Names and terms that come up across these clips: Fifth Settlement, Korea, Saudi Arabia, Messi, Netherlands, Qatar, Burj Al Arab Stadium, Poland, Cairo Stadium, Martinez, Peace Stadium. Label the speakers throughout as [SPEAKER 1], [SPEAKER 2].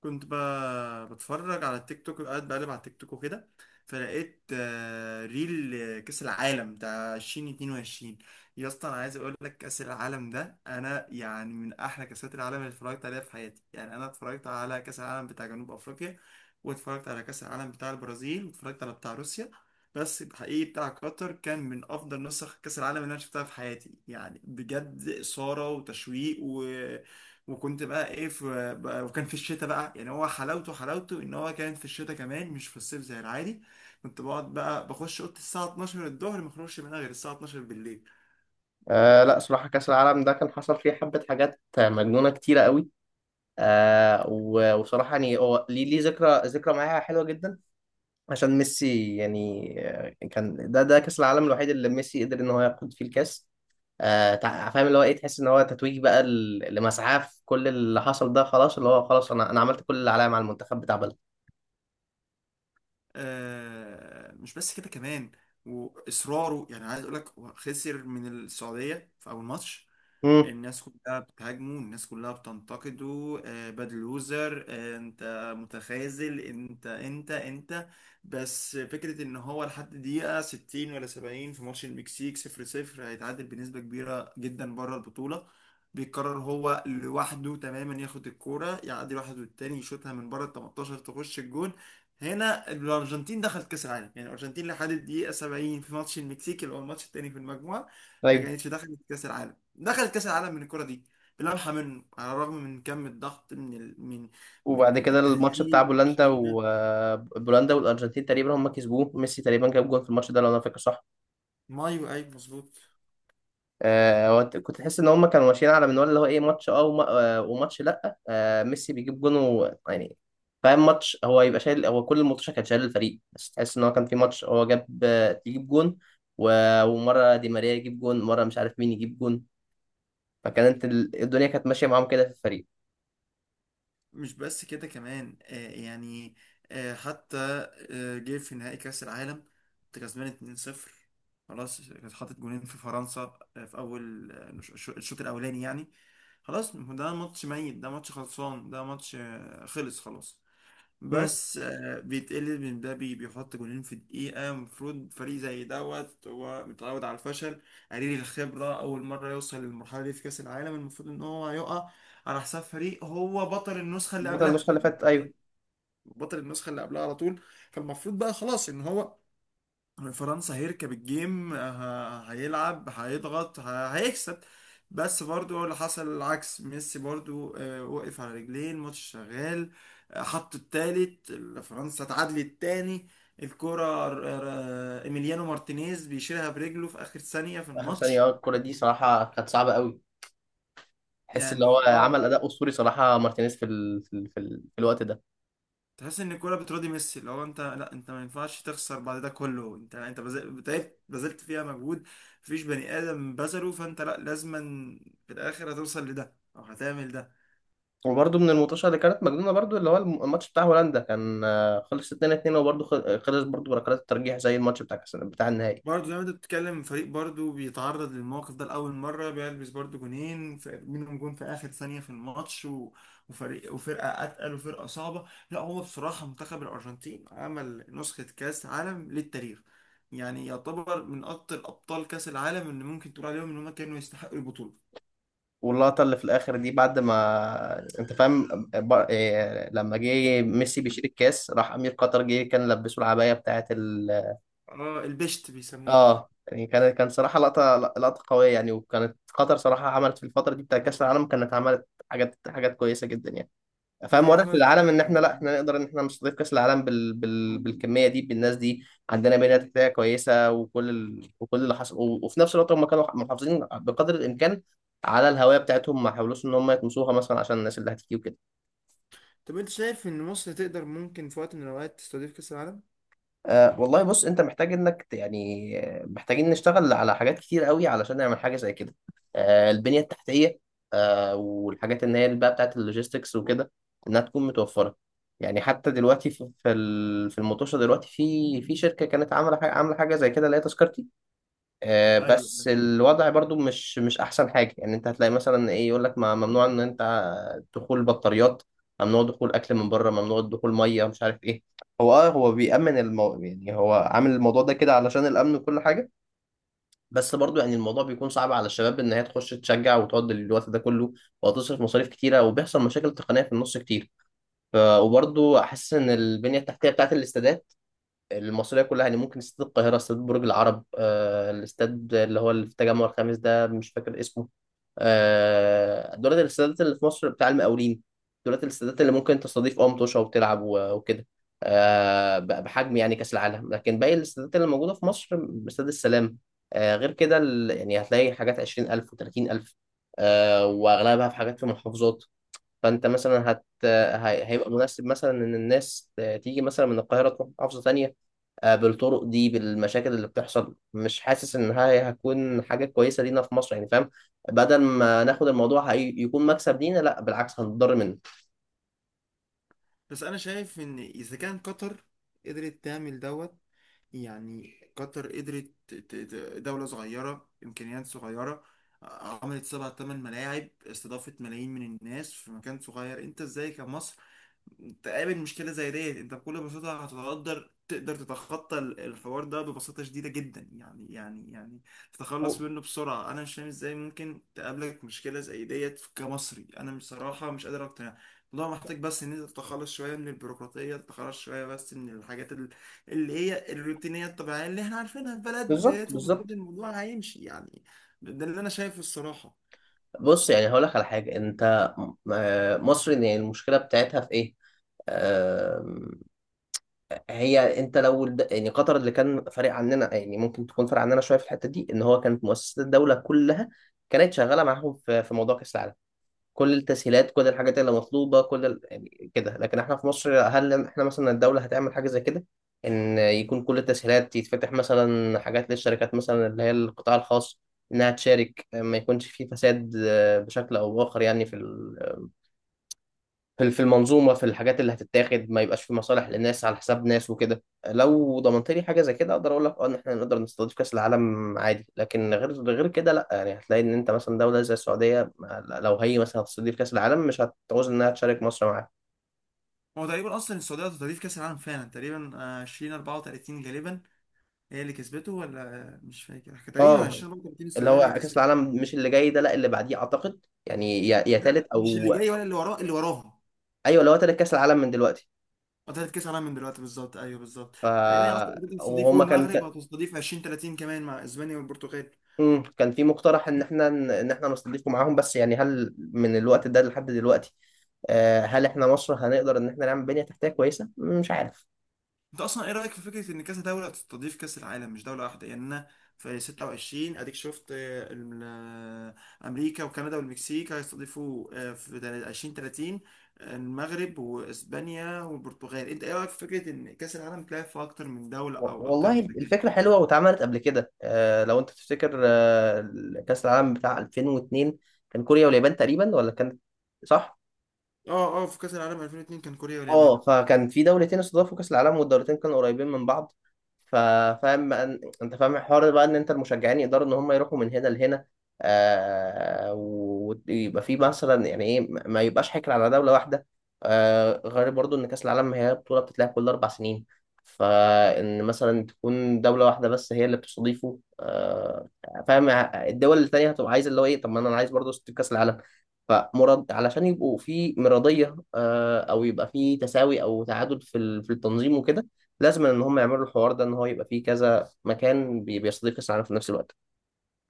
[SPEAKER 1] كنت ب... بتفرج على التيك توك، قاعد بقلب على التيك توك وكده. فلقيت ريل، كأس العالم بتاع 2022. يا اسطى انا عايز اقول لك، كأس العالم ده انا يعني من احلى كأسات العالم اللي اتفرجت عليها في حياتي. يعني انا اتفرجت على كأس العالم بتاع جنوب افريقيا، واتفرجت على كأس العالم بتاع البرازيل، واتفرجت على بتاع روسيا، بس الحقيقي بتاع قطر كان من افضل نسخ كأس العالم اللي انا شفتها في حياتي. يعني بجد إثارة وتشويق وكنت بقى ايه في بقى، وكان في الشتاء بقى. يعني هو حلاوته ان هو كان في الشتاء كمان، مش في الصيف زي العادي. كنت بقعد بقى بخش اوضتي الساعة 12 الظهر، ما اخرجش منها غير الساعة 12 بالليل.
[SPEAKER 2] لا صراحة كأس العالم ده كان حصل فيه حبة حاجات مجنونة كتيرة قوي. وصراحة يعني هو ليه ذكرى معايا حلوة جدا عشان ميسي. كان ده كأس العالم الوحيد اللي ميسي قدر إن هو ياخد فيه الكأس. فاهم اللي هو إيه، تحس إن هو تتويج بقى لمسعاه في كل اللي حصل ده، خلاص اللي هو خلاص أنا عملت كل اللي عليا مع المنتخب بتاع بلدي.
[SPEAKER 1] آه مش بس كده كمان، واصراره، يعني عايز اقول لك، هو خسر من السعودية في اول ماتش.
[SPEAKER 2] امم
[SPEAKER 1] الناس كلها بتهاجمه، الناس كلها بتنتقده، باد لوزر، انت متخاذل، انت. بس فكرة ان هو لحد دقيقة 60 ولا 70 في ماتش المكسيك 0-0، هيتعادل بنسبة كبيرة جدا بره البطولة. بيقرر هو لوحده تماما، ياخد الكورة، يعدي واحد والتاني، يشوطها من بره ال 18 تخش الجون. هنا الأرجنتين دخلت كأس العالم. يعني الأرجنتين لحد الدقيقة 70 في ماتش المكسيك، اللي هو الماتش التاني في المجموعة، ما
[SPEAKER 2] طيب.
[SPEAKER 1] كانتش دخلت كأس العالم. دخلت كاس العالم من الكره دي، بلمحه منه، على الرغم من كم الضغط من من
[SPEAKER 2] وبعد كده الماتش بتاع
[SPEAKER 1] التهديد،
[SPEAKER 2] بولندا،
[SPEAKER 1] الشتيمه.
[SPEAKER 2] وبولندا والأرجنتين تقريبا هم كسبوه، ميسي تقريبا جاب جون في الماتش ده لو أنا فاكر صح.
[SPEAKER 1] مايو، ايوه مظبوط.
[SPEAKER 2] هو كنت تحس ان هم كانوا ماشيين على منوال اللي هو ايه، ماتش وماتش، لا آه، ميسي بيجيب جون يعني فاهم، ماتش هو يبقى شايل، هو كل الماتش كان شايل الفريق، بس تحس ان هو كان في ماتش هو جاب، يجيب جون ومره دي ماريا يجيب جون، مره مش عارف مين يجيب جون. فكانت الدنيا كانت ماشيه معاهم كده في الفريق.
[SPEAKER 1] مش بس كده كمان، آه يعني، آه حتى، آه جه في نهائي كاس العالم. كنت كسبان 2-0، خلاص، كانت حاطط جونين في فرنسا في اول الشوط الاولاني يعني. خلاص ده ماتش ميت، ده ماتش خلصان، ده ماتش خلص خلاص.
[SPEAKER 2] امم
[SPEAKER 1] بس بيتقلل من ده، بيحط جونين في دقيقة. المفروض فريق زي دوت هو متعود على الفشل، قليل الخبرة، أول مرة يوصل للمرحلة دي في كأس العالم، المفروض إن هو هيقع على حساب فريق هو بطل النسخة اللي
[SPEAKER 2] بطل
[SPEAKER 1] قبلها.
[SPEAKER 2] النسخه اللي
[SPEAKER 1] يعني
[SPEAKER 2] فاتت
[SPEAKER 1] هو
[SPEAKER 2] ايوه.
[SPEAKER 1] بطل النسخة اللي قبلها على طول. فالمفروض بقى خلاص إن هو فرنسا هيركب الجيم، هيلعب، هيضغط، هيكسب. بس برضو اللي حصل العكس. ميسي برضو، وقف على رجليه، الماتش شغال، حط التالت. فرنسا اتعادلت تاني. الكرة ايميليانو مارتينيز بيشيلها برجله في اخر ثانية في
[SPEAKER 2] اخر ثانيه،
[SPEAKER 1] الماتش.
[SPEAKER 2] اه الكره دي صراحه كانت صعبه قوي، تحس اللي هو
[SPEAKER 1] يعني اه،
[SPEAKER 2] عمل اداء اسطوري صراحه مارتينيز في الوقت ده.
[SPEAKER 1] تحس ان الكوره بتراضي ميسي. لو انت، لا انت ما ينفعش تخسر بعد ده كله. انت، تعبت، بذلت فيها مجهود. مفيش بني ادم بذله، فانت لا لازما في الاخر هتوصل لده او هتعمل ده.
[SPEAKER 2] وبرده من الماتشات اللي كانت مجنونه، برده اللي هو الماتش بتاع هولندا كان، خلص 2-2، وبرده خلص برده بركلات الترجيح زي الماتش بتاع بتاع النهائي.
[SPEAKER 1] برضه زي ما انت بتتكلم، فريق برضه بيتعرض للموقف ده لأول مرة، بيلبس برضه جونين، منهم جون في آخر ثانية في الماتش، وفرقة أتقل، وفرقة صعبة. لا هو بصراحة منتخب الأرجنتين عمل نسخة كأس عالم للتاريخ. يعني يعتبر من أكتر أبطال كأس العالم اللي ممكن تقول عليهم إن هم كانوا يستحقوا البطولة.
[SPEAKER 2] واللقطه اللي في الاخر دي، بعد ما انت فاهم، لما جه ميسي بيشيل الكاس، راح امير قطر جه كان لبسه العبايه بتاعه ال،
[SPEAKER 1] اه البشت بيسموه.
[SPEAKER 2] اه يعني، كان صراحه لقطه قويه يعني. وكانت قطر صراحه عملت في الفتره دي بتاع كاس العالم، كانت عملت حاجات كويسه جدا يعني،
[SPEAKER 1] لا
[SPEAKER 2] فاهم؟
[SPEAKER 1] يا
[SPEAKER 2] واضح في
[SPEAKER 1] عمل
[SPEAKER 2] العالم
[SPEAKER 1] بصراحة
[SPEAKER 2] ان احنا،
[SPEAKER 1] كان
[SPEAKER 2] لا
[SPEAKER 1] جميل.
[SPEAKER 2] احنا نقدر ان احنا نستضيف كاس العالم بالكميه دي بالناس دي. عندنا بنيه تحتيه كويسه وكل اللي حصل وفي نفس الوقت هم كانوا محافظين بقدر الامكان على الهويه بتاعتهم، ما حاولوش ان هم يطمسوها مثلا عشان الناس اللي هتيجي وكده.
[SPEAKER 1] طب انت شايف ان مصر تقدر، ممكن في وقت من الاوقات تستضيف كأس العالم؟
[SPEAKER 2] أه والله بص، انت محتاج انك محتاجين نشتغل على حاجات كتير قوي علشان نعمل حاجه زي كده. أه البنيه التحتيه، أه والحاجات اللي هي اللي بقى بتاعت اللوجيستكس وكده، انها تكون متوفره. يعني حتى دلوقتي، في المطوشه دلوقتي، في شركه كانت عامله حاجه زي كده اللي هي تذكرتي.
[SPEAKER 1] ايوه
[SPEAKER 2] بس الوضع برضو مش احسن حاجه. يعني انت هتلاقي مثلا ايه، يقول لك ما ممنوع ان انت، دخول بطاريات، ممنوع دخول اكل من بره، ممنوع دخول ميه، مش عارف ايه. هو يعني هو عامل الموضوع ده كده علشان الامن وكل حاجه. بس برضو يعني الموضوع بيكون صعب على الشباب ان هي تخش تشجع وتقعد الوقت ده كله، وهتصرف مصاريف كتيره، وبيحصل مشاكل تقنيه في النص كتير. وبرضو احس ان البنيه التحتيه بتاعت الاستادات المصرية كلها، يعني ممكن استاد القاهرة، استاد برج العرب، الاستاد اللي هو اللي في التجمع الخامس ده مش فاكر اسمه، دولت الاستادات اللي في مصر، بتاع المقاولين، دولت الاستادات اللي ممكن تستضيف اه متوشة وتلعب وكده، بحجم يعني كأس العالم. لكن باقي الاستادات اللي موجودة في مصر، استاد السلام، غير كده يعني هتلاقي حاجات 20,000 و30000، وأغلبها في حاجات في محافظات. فأنت مثلا هت هي- هيبقى مناسب مثلا إن الناس تيجي مثلا من القاهرة تروح محافظة تانية، بالطرق دي بالمشاكل اللي بتحصل، مش حاسس ان هي هتكون حاجه كويسه لينا في مصر، يعني فاهم؟ بدل ما ناخد الموضوع هي يكون مكسب لينا، لا بالعكس هنضر منه.
[SPEAKER 1] بس انا شايف ان اذا كان قطر قدرت تعمل دوت، يعني قطر قدرت دولة صغيرة، إمكانيات صغيرة، عملت سبع تمن ملاعب، استضافت ملايين من الناس في مكان صغير، أنت إزاي كمصر تقابل مشكلة زي ديت؟ انت بكل بساطة هتقدر، تقدر تتخطى الحوار ده ببساطة شديدة جدا يعني، يعني تتخلص
[SPEAKER 2] هو-
[SPEAKER 1] منه بسرعة. انا مش فاهم ازاي ممكن تقابلك مشكلة زي ديت كمصري. انا بصراحة مش قادر اقتنع. الموضوع محتاج بس ان انت تتخلص شوية من البيروقراطية، تتخلص شوية بس من الحاجات اللي هي الروتينية الطبيعية اللي احنا عارفينها في بلدنا
[SPEAKER 2] بالظبط
[SPEAKER 1] ديت، ومفروض
[SPEAKER 2] بالظبط.
[SPEAKER 1] الموضوع هيمشي يعني. ده اللي انا شايفه الصراحة.
[SPEAKER 2] بص يعني هقول لك على حاجه، انت م- آه، مصر يعني المشكله بتاعتها في ايه، آم، هي انت لو يعني قطر اللي كان فارق عننا، يعني ممكن تكون فارق عننا شويه في الحته دي ان هو كانت مؤسسات الدوله كلها كانت شغاله معاهم في موضوع كاس العالم، كل التسهيلات، كل الحاجات اللي مطلوبه، يعني كده. لكن احنا في مصر، هل احنا مثلا الدوله هتعمل حاجه زي كده؟ ان يكون كل التسهيلات، يتفتح مثلا حاجات للشركات مثلا اللي هي القطاع الخاص انها تشارك، ما يكونش في فساد بشكل او باخر يعني في في المنظومه، في الحاجات اللي هتتاخد، ما يبقاش في مصالح لناس على حساب ناس وكده. لو ضمنت لي حاجه زي كده اقدر اقول لك اه ان احنا نقدر نستضيف كاس العالم عادي، لكن غير كده لا. يعني هتلاقي ان انت مثلا دوله زي السعوديه لو هي مثلا هتستضيف كاس العالم مش هتعوز انها تشارك مصر معاها.
[SPEAKER 1] هو تقريبا اصلا السعودية هتستضيف كاس العالم فعلا تقريبا، 20 34 غالبا، هي اللي كسبته، ولا مش فاكر تقريبا
[SPEAKER 2] اه،
[SPEAKER 1] 20 برضه تيم
[SPEAKER 2] اللي
[SPEAKER 1] السودان
[SPEAKER 2] هو
[SPEAKER 1] اللي
[SPEAKER 2] كاس
[SPEAKER 1] كسبته.
[SPEAKER 2] العالم مش اللي جاي ده لا، اللي بعديه اعتقد، يعني يا تالت
[SPEAKER 1] لا مش اللي
[SPEAKER 2] او،
[SPEAKER 1] جاي ولا اللي وراه، اللي وراها.
[SPEAKER 2] ايوه اللي هو تالت كاس العالم من دلوقتي.
[SPEAKER 1] بطلت كاس عالم من دلوقتي بالظبط، ايوه بالظبط.
[SPEAKER 2] ف
[SPEAKER 1] تقريبا هي اصلا بتستضيف،
[SPEAKER 2] وهما كان،
[SPEAKER 1] والمغرب هتستضيف 20 30 كمان مع اسبانيا والبرتغال.
[SPEAKER 2] كان في مقترح ان احنا، ان احنا نستضيفكم معاهم، بس يعني هل من الوقت ده لحد دلوقتي، هل احنا مصر هنقدر ان احنا نعمل بنية تحتية كويسة؟ مش عارف.
[SPEAKER 1] انت اصلا ايه رايك في فكره ان كذا دوله تستضيف كاس العالم مش دوله واحده؟ يعني انا في 26 اديك شفت، امريكا وكندا والمكسيك هيستضيفوا، في 20 30 المغرب واسبانيا والبرتغال. انت ايه رايك في فكره ان كاس العالم تلعب في اكتر من دوله او اكتر
[SPEAKER 2] والله
[SPEAKER 1] من مكان؟
[SPEAKER 2] الفكرة حلوة واتعملت قبل كده، لو انت تفتكر، كأس العالم بتاع 2002 كان كوريا واليابان تقريبا، ولا كان، صح؟
[SPEAKER 1] اه في كاس العالم 2002 كان كوريا واليابان.
[SPEAKER 2] اه فكان في دولتين استضافوا كاس العالم، والدولتين كانوا قريبين من بعض. ف- فاهم بقى انت فاهم الحوار ده بقى، ان انت المشجعين يقدروا ان هم يروحوا من هنا لهنا، آه ويبقى في مثلا يعني ايه، ما يبقاش حكر على دوله واحده. آه غير برضو ان كاس العالم هي بطوله بتتلعب كل 4 سنين، فان مثلا تكون دوله واحده بس هي اللي بتستضيفه، آه فاهم؟ الدول التانيه هتبقى عايزه اللي هو ايه، طب ما انا عايز برضو كاس العالم، فمرض علشان يبقوا في مرضية، أو يبقى في تساوي أو تعادل في التنظيم وكده، لازم إن هم يعملوا الحوار ده، إن هو يبقى فيه كذا مكان بيستضيف كأس العالم في نفس الوقت.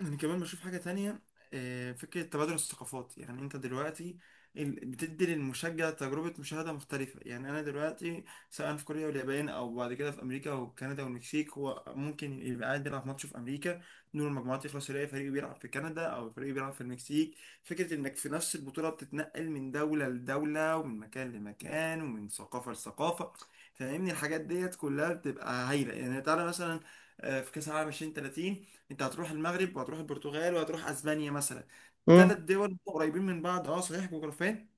[SPEAKER 1] انا كمان بشوف حاجه تانية، فكره تبادل الثقافات. يعني انت دلوقتي بتدي للمشجع تجربه مشاهده مختلفه. يعني انا دلوقتي سواء في كوريا واليابان، او بعد كده في امريكا وكندا والمكسيك، هو ممكن يبقى قاعد بيلعب ماتش في امريكا، دور المجموعات يخلص يلاقي فريق بيلعب في كندا او فريق بيلعب في المكسيك. فكره انك في نفس البطوله بتتنقل من دوله لدوله، ومن مكان لمكان، ومن ثقافه لثقافه، فاهمني؟ الحاجات ديت كلها بتبقى هايله يعني. تعالى مثلا في كاس العالم 2030، انت هتروح المغرب وهتروح البرتغال وهتروح اسبانيا مثلا، ثلاث
[SPEAKER 2] امم
[SPEAKER 1] دول قريبين من بعض، اه صحيح جغرافيا،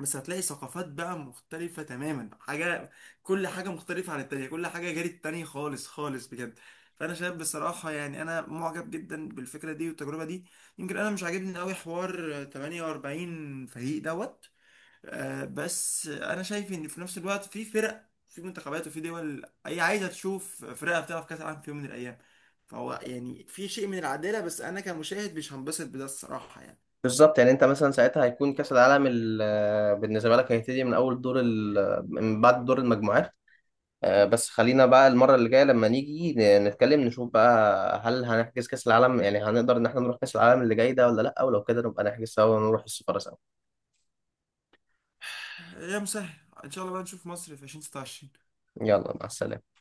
[SPEAKER 1] بس هتلاقي ثقافات بقى مختلفة تماما. حاجة، كل حاجة مختلفة عن التانية، كل حاجة غير التانية خالص خالص بجد. فأنا شايف بصراحة يعني، أنا معجب جدا بالفكرة دي والتجربة دي. يمكن أنا مش عاجبني أوي حوار 48 فريق دوت، بس انا شايف ان في نفس الوقت في فرق، في منتخبات، وفي دول هي عايزه تشوف فرقها بتلعب كاس العالم في يوم من الايام. فهو يعني في شيء من العداله، بس انا كمشاهد مش هنبسط بده الصراحه يعني.
[SPEAKER 2] بالظبط. يعني أنت مثلا ساعتها هيكون كأس العالم بالنسبة لك هيبتدي من أول دور من بعد دور المجموعات. بس خلينا بقى المرة اللي جاية لما نيجي نتكلم نشوف بقى هل هنحجز كأس العالم، يعني هنقدر إن احنا نروح كأس العالم اللي جاي ده ولا لأ، ولو كده نبقى نحجز سوا ونروح السفارة سوا.
[SPEAKER 1] يا مسهل، ان شاء الله بقى نشوف مصر في 2026.
[SPEAKER 2] يلا مع السلامة.